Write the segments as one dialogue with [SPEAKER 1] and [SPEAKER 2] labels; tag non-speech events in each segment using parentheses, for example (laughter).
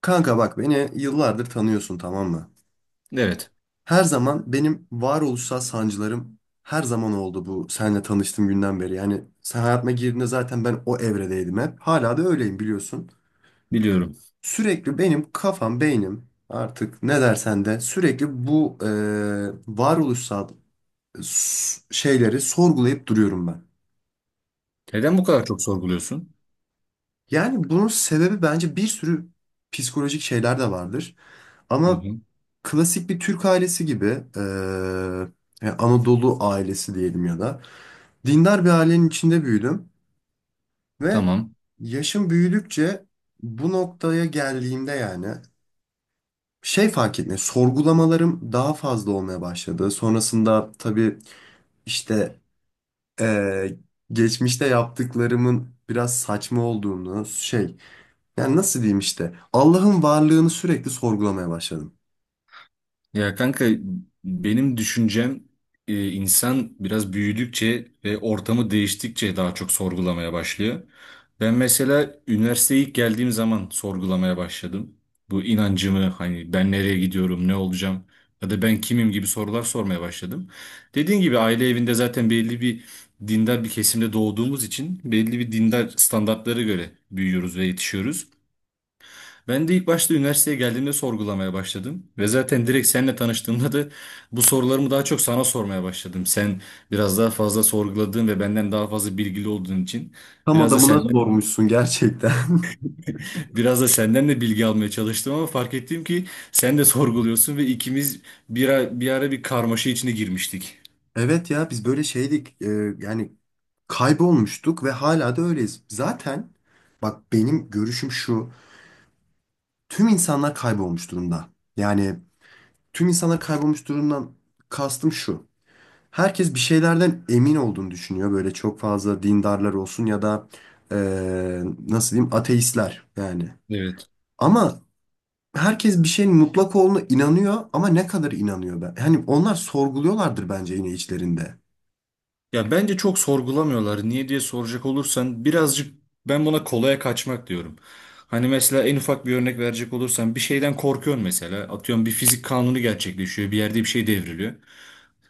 [SPEAKER 1] Kanka bak beni yıllardır tanıyorsun, tamam mı?
[SPEAKER 2] Evet,
[SPEAKER 1] Her zaman benim varoluşsal sancılarım her zaman oldu bu seninle tanıştığım günden beri. Yani sen hayatıma girdiğinde zaten ben o evredeydim hep. Hala da öyleyim biliyorsun.
[SPEAKER 2] biliyorum.
[SPEAKER 1] Sürekli benim kafam, beynim, artık ne dersen de sürekli bu varoluşsal şeyleri sorgulayıp duruyorum ben.
[SPEAKER 2] Neden bu kadar çok sorguluyorsun?
[SPEAKER 1] Yani bunun sebebi bence bir sürü psikolojik şeyler de vardır.
[SPEAKER 2] Hı
[SPEAKER 1] Ama
[SPEAKER 2] hı.
[SPEAKER 1] klasik bir Türk ailesi gibi eee, yani Anadolu ailesi diyelim, ya da dindar bir ailenin içinde büyüdüm ve
[SPEAKER 2] Tamam.
[SPEAKER 1] yaşım büyüdükçe bu noktaya geldiğimde, yani şey fark etmiyor. Sorgulamalarım daha fazla olmaya başladı. Sonrasında tabii işte eee, geçmişte yaptıklarımın biraz saçma olduğunu şey, yani nasıl diyeyim, işte Allah'ın varlığını sürekli sorgulamaya başladım.
[SPEAKER 2] Ya kanka benim düşüncem insan biraz büyüdükçe ve ortamı değiştikçe daha çok sorgulamaya başlıyor. Ben mesela üniversiteye ilk geldiğim zaman sorgulamaya başladım. Bu inancımı hani ben nereye gidiyorum, ne olacağım ya da ben kimim gibi sorular sormaya başladım. Dediğin gibi aile evinde zaten belli bir dindar bir kesimde doğduğumuz için belli bir dindar standartlara göre büyüyoruz ve yetişiyoruz. Ben de ilk başta üniversiteye geldiğimde sorgulamaya başladım. Ve zaten direkt seninle tanıştığımda da bu sorularımı daha çok sana sormaya başladım. Sen biraz daha fazla sorguladığın ve benden daha fazla bilgili olduğun için
[SPEAKER 1] Tam
[SPEAKER 2] biraz da
[SPEAKER 1] adamına
[SPEAKER 2] senden
[SPEAKER 1] sormuşsun gerçekten. (laughs)
[SPEAKER 2] (laughs) biraz da senden de bilgi almaya çalıştım, ama fark ettim ki sen de sorguluyorsun ve ikimiz bir ara bir karmaşa içine girmiştik.
[SPEAKER 1] Evet ya, biz böyle şeydik, yani kaybolmuştuk ve hala da öyleyiz. Zaten bak, benim görüşüm şu: tüm insanlar kaybolmuş durumda. Yani tüm insanlar kaybolmuş durumdan kastım şu: herkes bir şeylerden emin olduğunu düşünüyor. Böyle çok fazla dindarlar olsun ya da e, nasıl diyeyim, ateistler yani.
[SPEAKER 2] Evet.
[SPEAKER 1] Ama herkes bir şeyin mutlak olduğuna inanıyor, ama ne kadar inanıyor ben? Hani onlar sorguluyorlardır bence yine içlerinde.
[SPEAKER 2] Ya bence çok sorgulamıyorlar. Niye diye soracak olursan birazcık ben buna kolaya kaçmak diyorum. Hani mesela en ufak bir örnek verecek olursan bir şeyden korkuyorsun mesela. Atıyorum bir fizik kanunu gerçekleşiyor. Bir yerde bir şey devriliyor.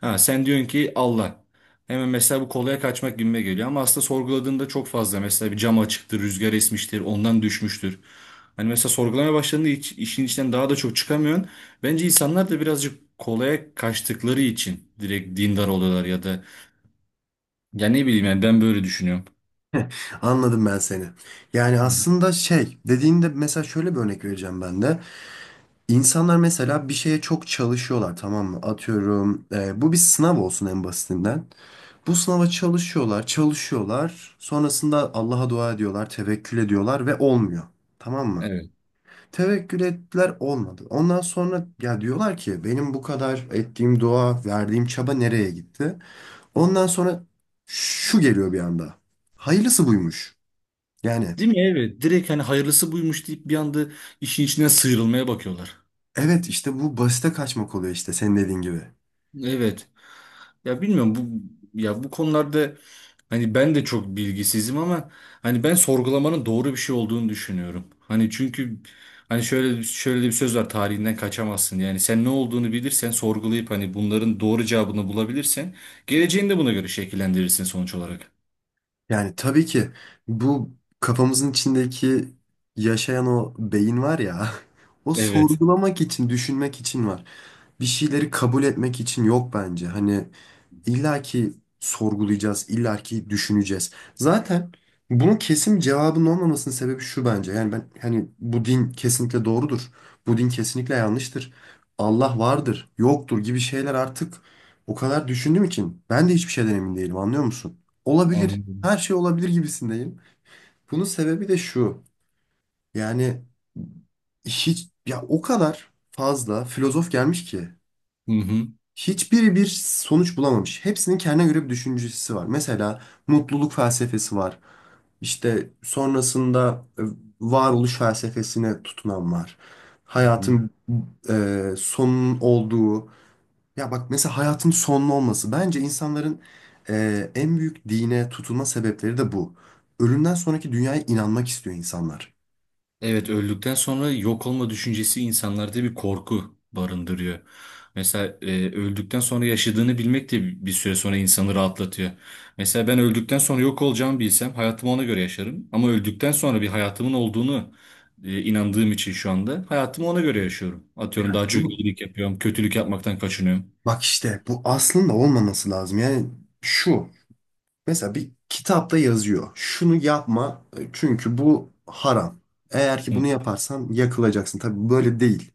[SPEAKER 2] Ha sen diyorsun ki Allah. Hemen mesela bu kolaya kaçmak gibime geliyor. Ama aslında sorguladığında çok fazla. Mesela bir cam açıktır, rüzgar esmiştir, ondan düşmüştür. Hani mesela sorgulamaya başladığında hiç, işin içinden daha da çok çıkamıyorsun. Bence insanlar da birazcık kolaya kaçtıkları için direkt dindar oluyorlar ya da ya ne bileyim, yani ben böyle düşünüyorum.
[SPEAKER 1] Anladım ben seni. Yani
[SPEAKER 2] Hı hı.
[SPEAKER 1] aslında şey dediğinde, mesela şöyle bir örnek vereceğim ben de. İnsanlar mesela bir şeye çok çalışıyorlar, tamam mı? Atıyorum, bu bir sınav olsun en basitinden. Bu sınava çalışıyorlar, çalışıyorlar. Sonrasında Allah'a dua ediyorlar, tevekkül ediyorlar ve olmuyor. Tamam mı?
[SPEAKER 2] Evet.
[SPEAKER 1] Tevekkül ettiler, olmadı. Ondan sonra ya diyorlar ki, benim bu kadar ettiğim dua, verdiğim çaba nereye gitti? Ondan sonra şu geliyor bir anda: hayırlısı buymuş. Yani
[SPEAKER 2] Değil mi? Evet. Direkt hani hayırlısı buymuş deyip bir anda işin içinden sıyrılmaya bakıyorlar.
[SPEAKER 1] evet, işte bu basite kaçmak oluyor, işte senin dediğin gibi.
[SPEAKER 2] Evet. Ya bilmiyorum bu ya bu konularda hani ben de çok bilgisizim ama hani ben sorgulamanın doğru bir şey olduğunu düşünüyorum. Hani çünkü hani şöyle de bir söz var tarihinden kaçamazsın. Yani sen ne olduğunu bilirsen sorgulayıp hani bunların doğru cevabını bulabilirsen geleceğini de buna göre şekillendirirsin sonuç olarak.
[SPEAKER 1] Yani tabii ki bu kafamızın içindeki yaşayan o beyin var ya, (laughs) o
[SPEAKER 2] Evet.
[SPEAKER 1] sorgulamak için, düşünmek için var. Bir şeyleri kabul etmek için yok bence. Hani İlla ki sorgulayacağız, illa ki düşüneceğiz. Zaten bunun kesin bir cevabının olmamasının sebebi şu bence. Yani ben hani, bu din kesinlikle doğrudur, bu din kesinlikle yanlıştır, Allah vardır, yoktur gibi şeyler artık o kadar düşündüğüm için, ben de hiçbir şeyden emin değilim, anlıyor musun? Olabilir,
[SPEAKER 2] Anladım.
[SPEAKER 1] her şey olabilir gibisindeyim. Bunun sebebi de şu: yani hiç ya, o kadar fazla filozof gelmiş ki
[SPEAKER 2] Hı hı.
[SPEAKER 1] hiçbiri bir sonuç bulamamış. Hepsinin kendine göre bir düşüncesi var. Mesela mutluluk felsefesi var. İşte sonrasında varoluş felsefesine tutunan var.
[SPEAKER 2] Hı.
[SPEAKER 1] Hayatın sonunun olduğu. Ya bak, mesela hayatın sonlu olması. Bence insanların en büyük dine tutulma sebepleri de bu. Ölümden sonraki dünyaya inanmak istiyor insanlar.
[SPEAKER 2] Evet, öldükten sonra yok olma düşüncesi insanlarda bir korku barındırıyor. Mesela öldükten sonra yaşadığını bilmek de bir süre sonra insanı rahatlatıyor. Mesela ben öldükten sonra yok olacağımı bilsem hayatımı ona göre yaşarım. Ama öldükten sonra bir hayatımın olduğunu inandığım için şu anda hayatımı ona göre yaşıyorum. Atıyorum
[SPEAKER 1] Evet.
[SPEAKER 2] daha
[SPEAKER 1] Anladın
[SPEAKER 2] çok
[SPEAKER 1] mı?
[SPEAKER 2] iyilik yapıyorum, kötülük yapmaktan kaçınıyorum.
[SPEAKER 1] Bak işte bu aslında olmaması lazım. Yani şu: mesela bir kitapta yazıyor. Şunu yapma, çünkü bu haram. Eğer ki
[SPEAKER 2] Hı.
[SPEAKER 1] bunu yaparsan yakılacaksın. Tabii böyle değil.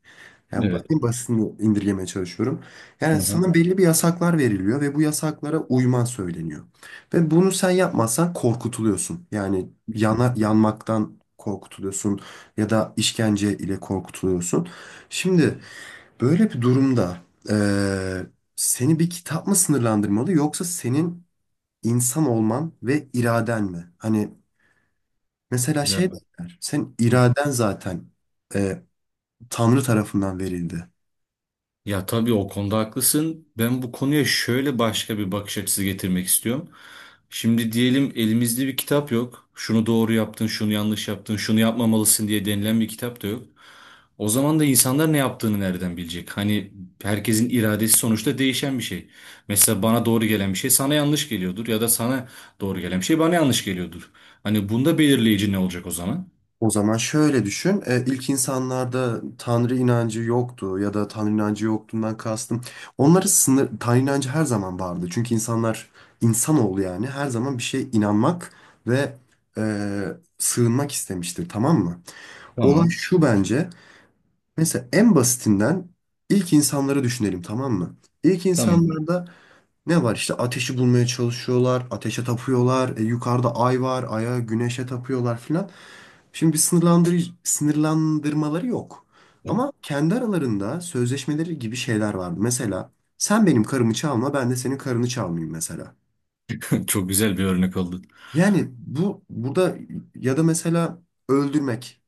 [SPEAKER 1] Yani
[SPEAKER 2] Evet.
[SPEAKER 1] en basitini indirgemeye çalışıyorum.
[SPEAKER 2] Hı
[SPEAKER 1] Yani
[SPEAKER 2] hı.
[SPEAKER 1] sana belli bir yasaklar veriliyor ve bu yasaklara uyman söyleniyor. Ve bunu sen yapmazsan korkutuluyorsun. Yani yanmaktan korkutuluyorsun ya da işkence ile korkutuluyorsun. Şimdi böyle bir durumda, e, seni bir kitap mı sınırlandırmalı, yoksa senin İnsan olman ve iraden mi? Hani mesela
[SPEAKER 2] Ya.
[SPEAKER 1] şey derler, sen iraden zaten e, Tanrı tarafından verildi.
[SPEAKER 2] Ya tabii o konuda haklısın. Ben bu konuya şöyle başka bir bakış açısı getirmek istiyorum. Şimdi diyelim elimizde bir kitap yok. Şunu doğru yaptın, şunu yanlış yaptın, şunu yapmamalısın diye denilen bir kitap da yok. O zaman da insanlar ne yaptığını nereden bilecek? Hani herkesin iradesi sonuçta değişen bir şey. Mesela bana doğru gelen bir şey sana yanlış geliyordur ya da sana doğru gelen bir şey bana yanlış geliyordur. Hani bunda belirleyici ne olacak o zaman?
[SPEAKER 1] O zaman şöyle düşün: ilk insanlarda Tanrı inancı yoktu, ya da Tanrı inancı yoktuğundan kastım. Tanrı inancı her zaman vardı. Çünkü insanlar, insanoğlu yani, her zaman bir şeye inanmak ve e, sığınmak istemiştir, tamam mı? Olay
[SPEAKER 2] Tamam.
[SPEAKER 1] şu bence: mesela en basitinden ilk insanları düşünelim, tamam mı? İlk
[SPEAKER 2] Tamam.
[SPEAKER 1] insanlarda ne var işte, ateşi bulmaya çalışıyorlar, ateşe tapıyorlar, yukarıda ay var, aya, güneşe tapıyorlar filan. Şimdi bir sınırlandırmaları yok. Ama kendi aralarında sözleşmeleri gibi şeyler var. Mesela sen benim karımı çalma, ben de senin karını çalmayayım mesela.
[SPEAKER 2] (laughs) Çok güzel bir örnek oldu.
[SPEAKER 1] Yani bu burada, ya da mesela öldürmek,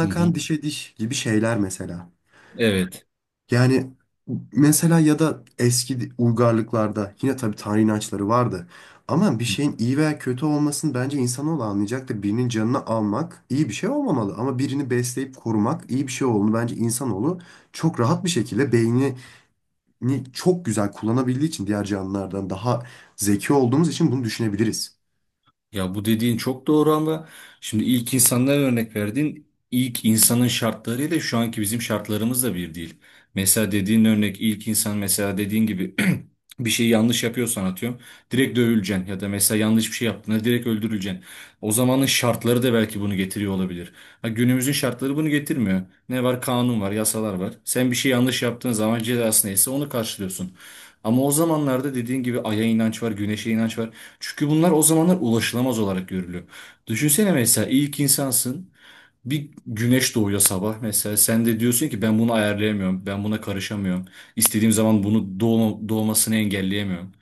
[SPEAKER 2] Hı
[SPEAKER 1] kan
[SPEAKER 2] hı.
[SPEAKER 1] dişe diş gibi şeyler mesela.
[SPEAKER 2] Evet.
[SPEAKER 1] Yani mesela, ya da eski uygarlıklarda yine tabii tanrı inançları vardı. Ama bir şeyin iyi veya kötü olmasını bence insanoğlu anlayacaktır. Birinin canını almak iyi bir şey olmamalı. Ama birini besleyip korumak iyi bir şey olduğunu, bence insanoğlu çok rahat bir şekilde beynini çok güzel kullanabildiği için, diğer canlılardan daha zeki olduğumuz için bunu düşünebiliriz.
[SPEAKER 2] Ya bu dediğin çok doğru ama şimdi ilk insanlara örnek verdiğin ilk insanın şartlarıyla şu anki bizim şartlarımız da bir değil. Mesela dediğin örnek ilk insan mesela dediğin gibi (clears throat) bir şeyi yanlış yapıyorsan atıyorum direkt dövüleceksin ya da mesela yanlış bir şey yaptığında direkt öldürüleceksin. O zamanın şartları da belki bunu getiriyor olabilir. Ha, günümüzün şartları bunu getirmiyor. Ne var? Kanun var, yasalar var. Sen bir şey yanlış yaptığın zaman cezası neyse onu karşılıyorsun. Ama o zamanlarda dediğin gibi aya inanç var, güneşe inanç var. Çünkü bunlar o zamanlar ulaşılamaz olarak görülüyor. Düşünsene mesela ilk insansın. Bir güneş doğuyor sabah mesela. Sen de diyorsun ki ben bunu ayarlayamıyorum. Ben buna karışamıyorum. İstediğim zaman bunu doğmasını engelleyemiyorum.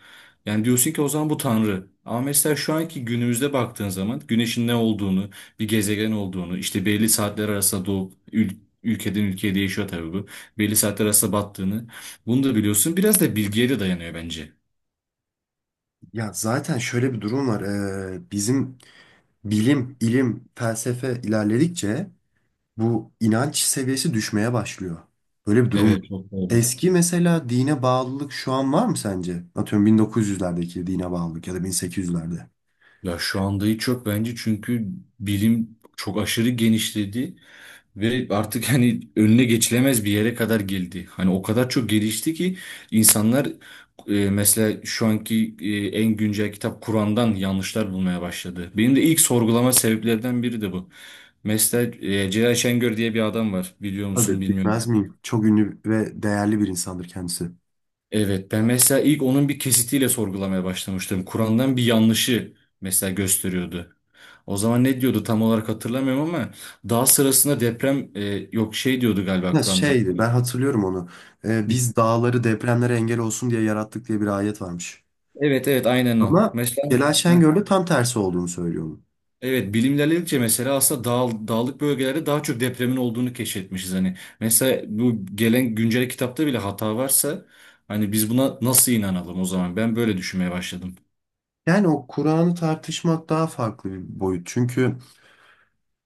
[SPEAKER 2] Yani diyorsun ki o zaman bu tanrı. Ama mesela şu anki günümüzde baktığın zaman güneşin ne olduğunu, bir gezegen olduğunu, işte belli saatler arasında doğup ülkeden ülkeye değişiyor tabii bu. Belli saatler arasında battığını. Bunu da biliyorsun. Biraz da bilgiye de dayanıyor bence.
[SPEAKER 1] Ya zaten şöyle bir durum var. Bizim bilim, ilim, felsefe ilerledikçe bu inanç seviyesi düşmeye başlıyor. Böyle bir durum var.
[SPEAKER 2] Evet, çok doğru.
[SPEAKER 1] Eski mesela dine bağlılık şu an var mı sence? Atıyorum 1900'lerdeki dine bağlılık, ya da 1800'lerde.
[SPEAKER 2] Ya şu anda hiç yok bence, çünkü bilim çok aşırı genişledi ve artık (laughs) hani önüne geçilemez bir yere kadar geldi. Hani o kadar çok gelişti ki insanlar mesela şu anki en güncel kitap Kur'an'dan yanlışlar bulmaya başladı. Benim de ilk sorgulama sebeplerden biri de bu. Mesela Celal Şengör diye bir adam var, biliyor musun
[SPEAKER 1] Tabii
[SPEAKER 2] bilmiyorum.
[SPEAKER 1] bilmez miyim? Çok ünlü ve değerli bir insandır kendisi.
[SPEAKER 2] Evet, ben mesela ilk onun bir kesitiyle sorgulamaya başlamıştım. Kur'an'dan bir yanlışı mesela gösteriyordu. O zaman ne diyordu tam olarak hatırlamıyorum ama daha sırasında deprem yok şey diyordu galiba
[SPEAKER 1] Ya
[SPEAKER 2] Kur'an'da.
[SPEAKER 1] şeydi, ben hatırlıyorum onu. Biz dağları depremlere engel olsun diye yarattık diye bir ayet varmış.
[SPEAKER 2] Evet evet, aynen o.
[SPEAKER 1] Ama
[SPEAKER 2] Mesela
[SPEAKER 1] Celal
[SPEAKER 2] Heh.
[SPEAKER 1] Şengör tam tersi olduğunu söylüyor onun.
[SPEAKER 2] Evet, bilim ilerledikçe mesela aslında dağlık bölgelerde daha çok depremin olduğunu keşfetmişiz hani. Mesela bu gelen güncel kitapta bile hata varsa hani biz buna nasıl inanalım o zaman? Ben böyle düşünmeye başladım.
[SPEAKER 1] Yani o Kur'an'ı tartışmak daha farklı bir boyut. Çünkü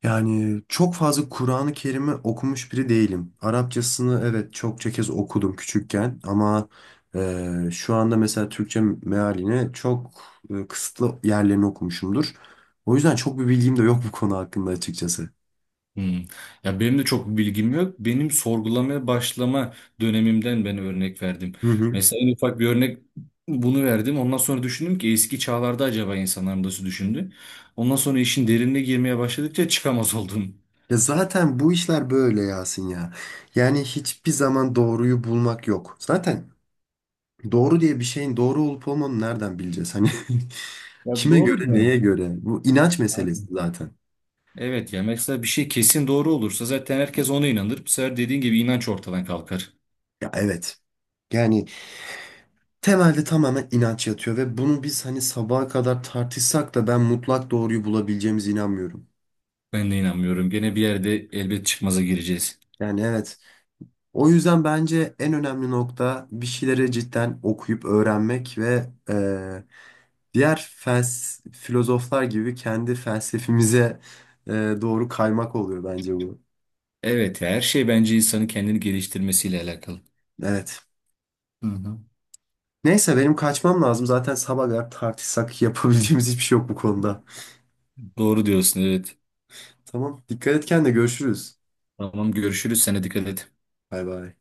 [SPEAKER 1] yani çok fazla Kur'an-ı Kerim'i okumuş biri değilim. Arapçasını evet çokça kez okudum küçükken, ama şu anda mesela Türkçe mealini çok kısıtlı yerlerini okumuşumdur. O yüzden çok bir bilgim de yok bu konu hakkında, açıkçası.
[SPEAKER 2] Hmm. Ya benim de çok bir bilgim yok. Benim sorgulamaya başlama dönemimden ben örnek verdim.
[SPEAKER 1] Hı hı.
[SPEAKER 2] Mesela en ufak bir örnek bunu verdim. Ondan sonra düşündüm ki eski çağlarda acaba insanlar nasıl düşündü? Ondan sonra işin derinine girmeye başladıkça çıkamaz (laughs) oldum.
[SPEAKER 1] Ya zaten bu işler böyle Yasin ya. Yani hiçbir zaman doğruyu bulmak yok. Zaten doğru diye bir şeyin doğru olup olmadığını nereden bileceğiz? Hani (laughs)
[SPEAKER 2] Ya
[SPEAKER 1] kime
[SPEAKER 2] doğru
[SPEAKER 1] göre,
[SPEAKER 2] diyor.
[SPEAKER 1] neye göre? Bu inanç meselesi
[SPEAKER 2] Aynen.
[SPEAKER 1] zaten.
[SPEAKER 2] Evet, ya mesela bir şey kesin doğru olursa zaten herkes ona inanır. Bu sefer dediğin gibi inanç ortadan kalkar.
[SPEAKER 1] Ya evet. Yani temelde tamamen inanç yatıyor ve bunu biz hani sabaha kadar tartışsak da, ben mutlak doğruyu bulabileceğimize inanmıyorum.
[SPEAKER 2] Ben de inanmıyorum. Gene bir yerde elbet çıkmaza gireceğiz.
[SPEAKER 1] Yani evet. O yüzden bence en önemli nokta bir şeyleri cidden okuyup öğrenmek ve diğer filozoflar gibi kendi felsefemize e, doğru kaymak, oluyor bence bu.
[SPEAKER 2] Evet, ya her şey bence insanın kendini geliştirmesiyle alakalı.
[SPEAKER 1] Evet.
[SPEAKER 2] Hı hı.
[SPEAKER 1] Neyse benim kaçmam lazım. Zaten sabaha kadar tartışsak yapabileceğimiz hiçbir şey yok bu konuda.
[SPEAKER 2] Doğru diyorsun, evet.
[SPEAKER 1] Tamam. Dikkat et kendine, görüşürüz.
[SPEAKER 2] Tamam, görüşürüz. Sana dikkat et.
[SPEAKER 1] Bay bay.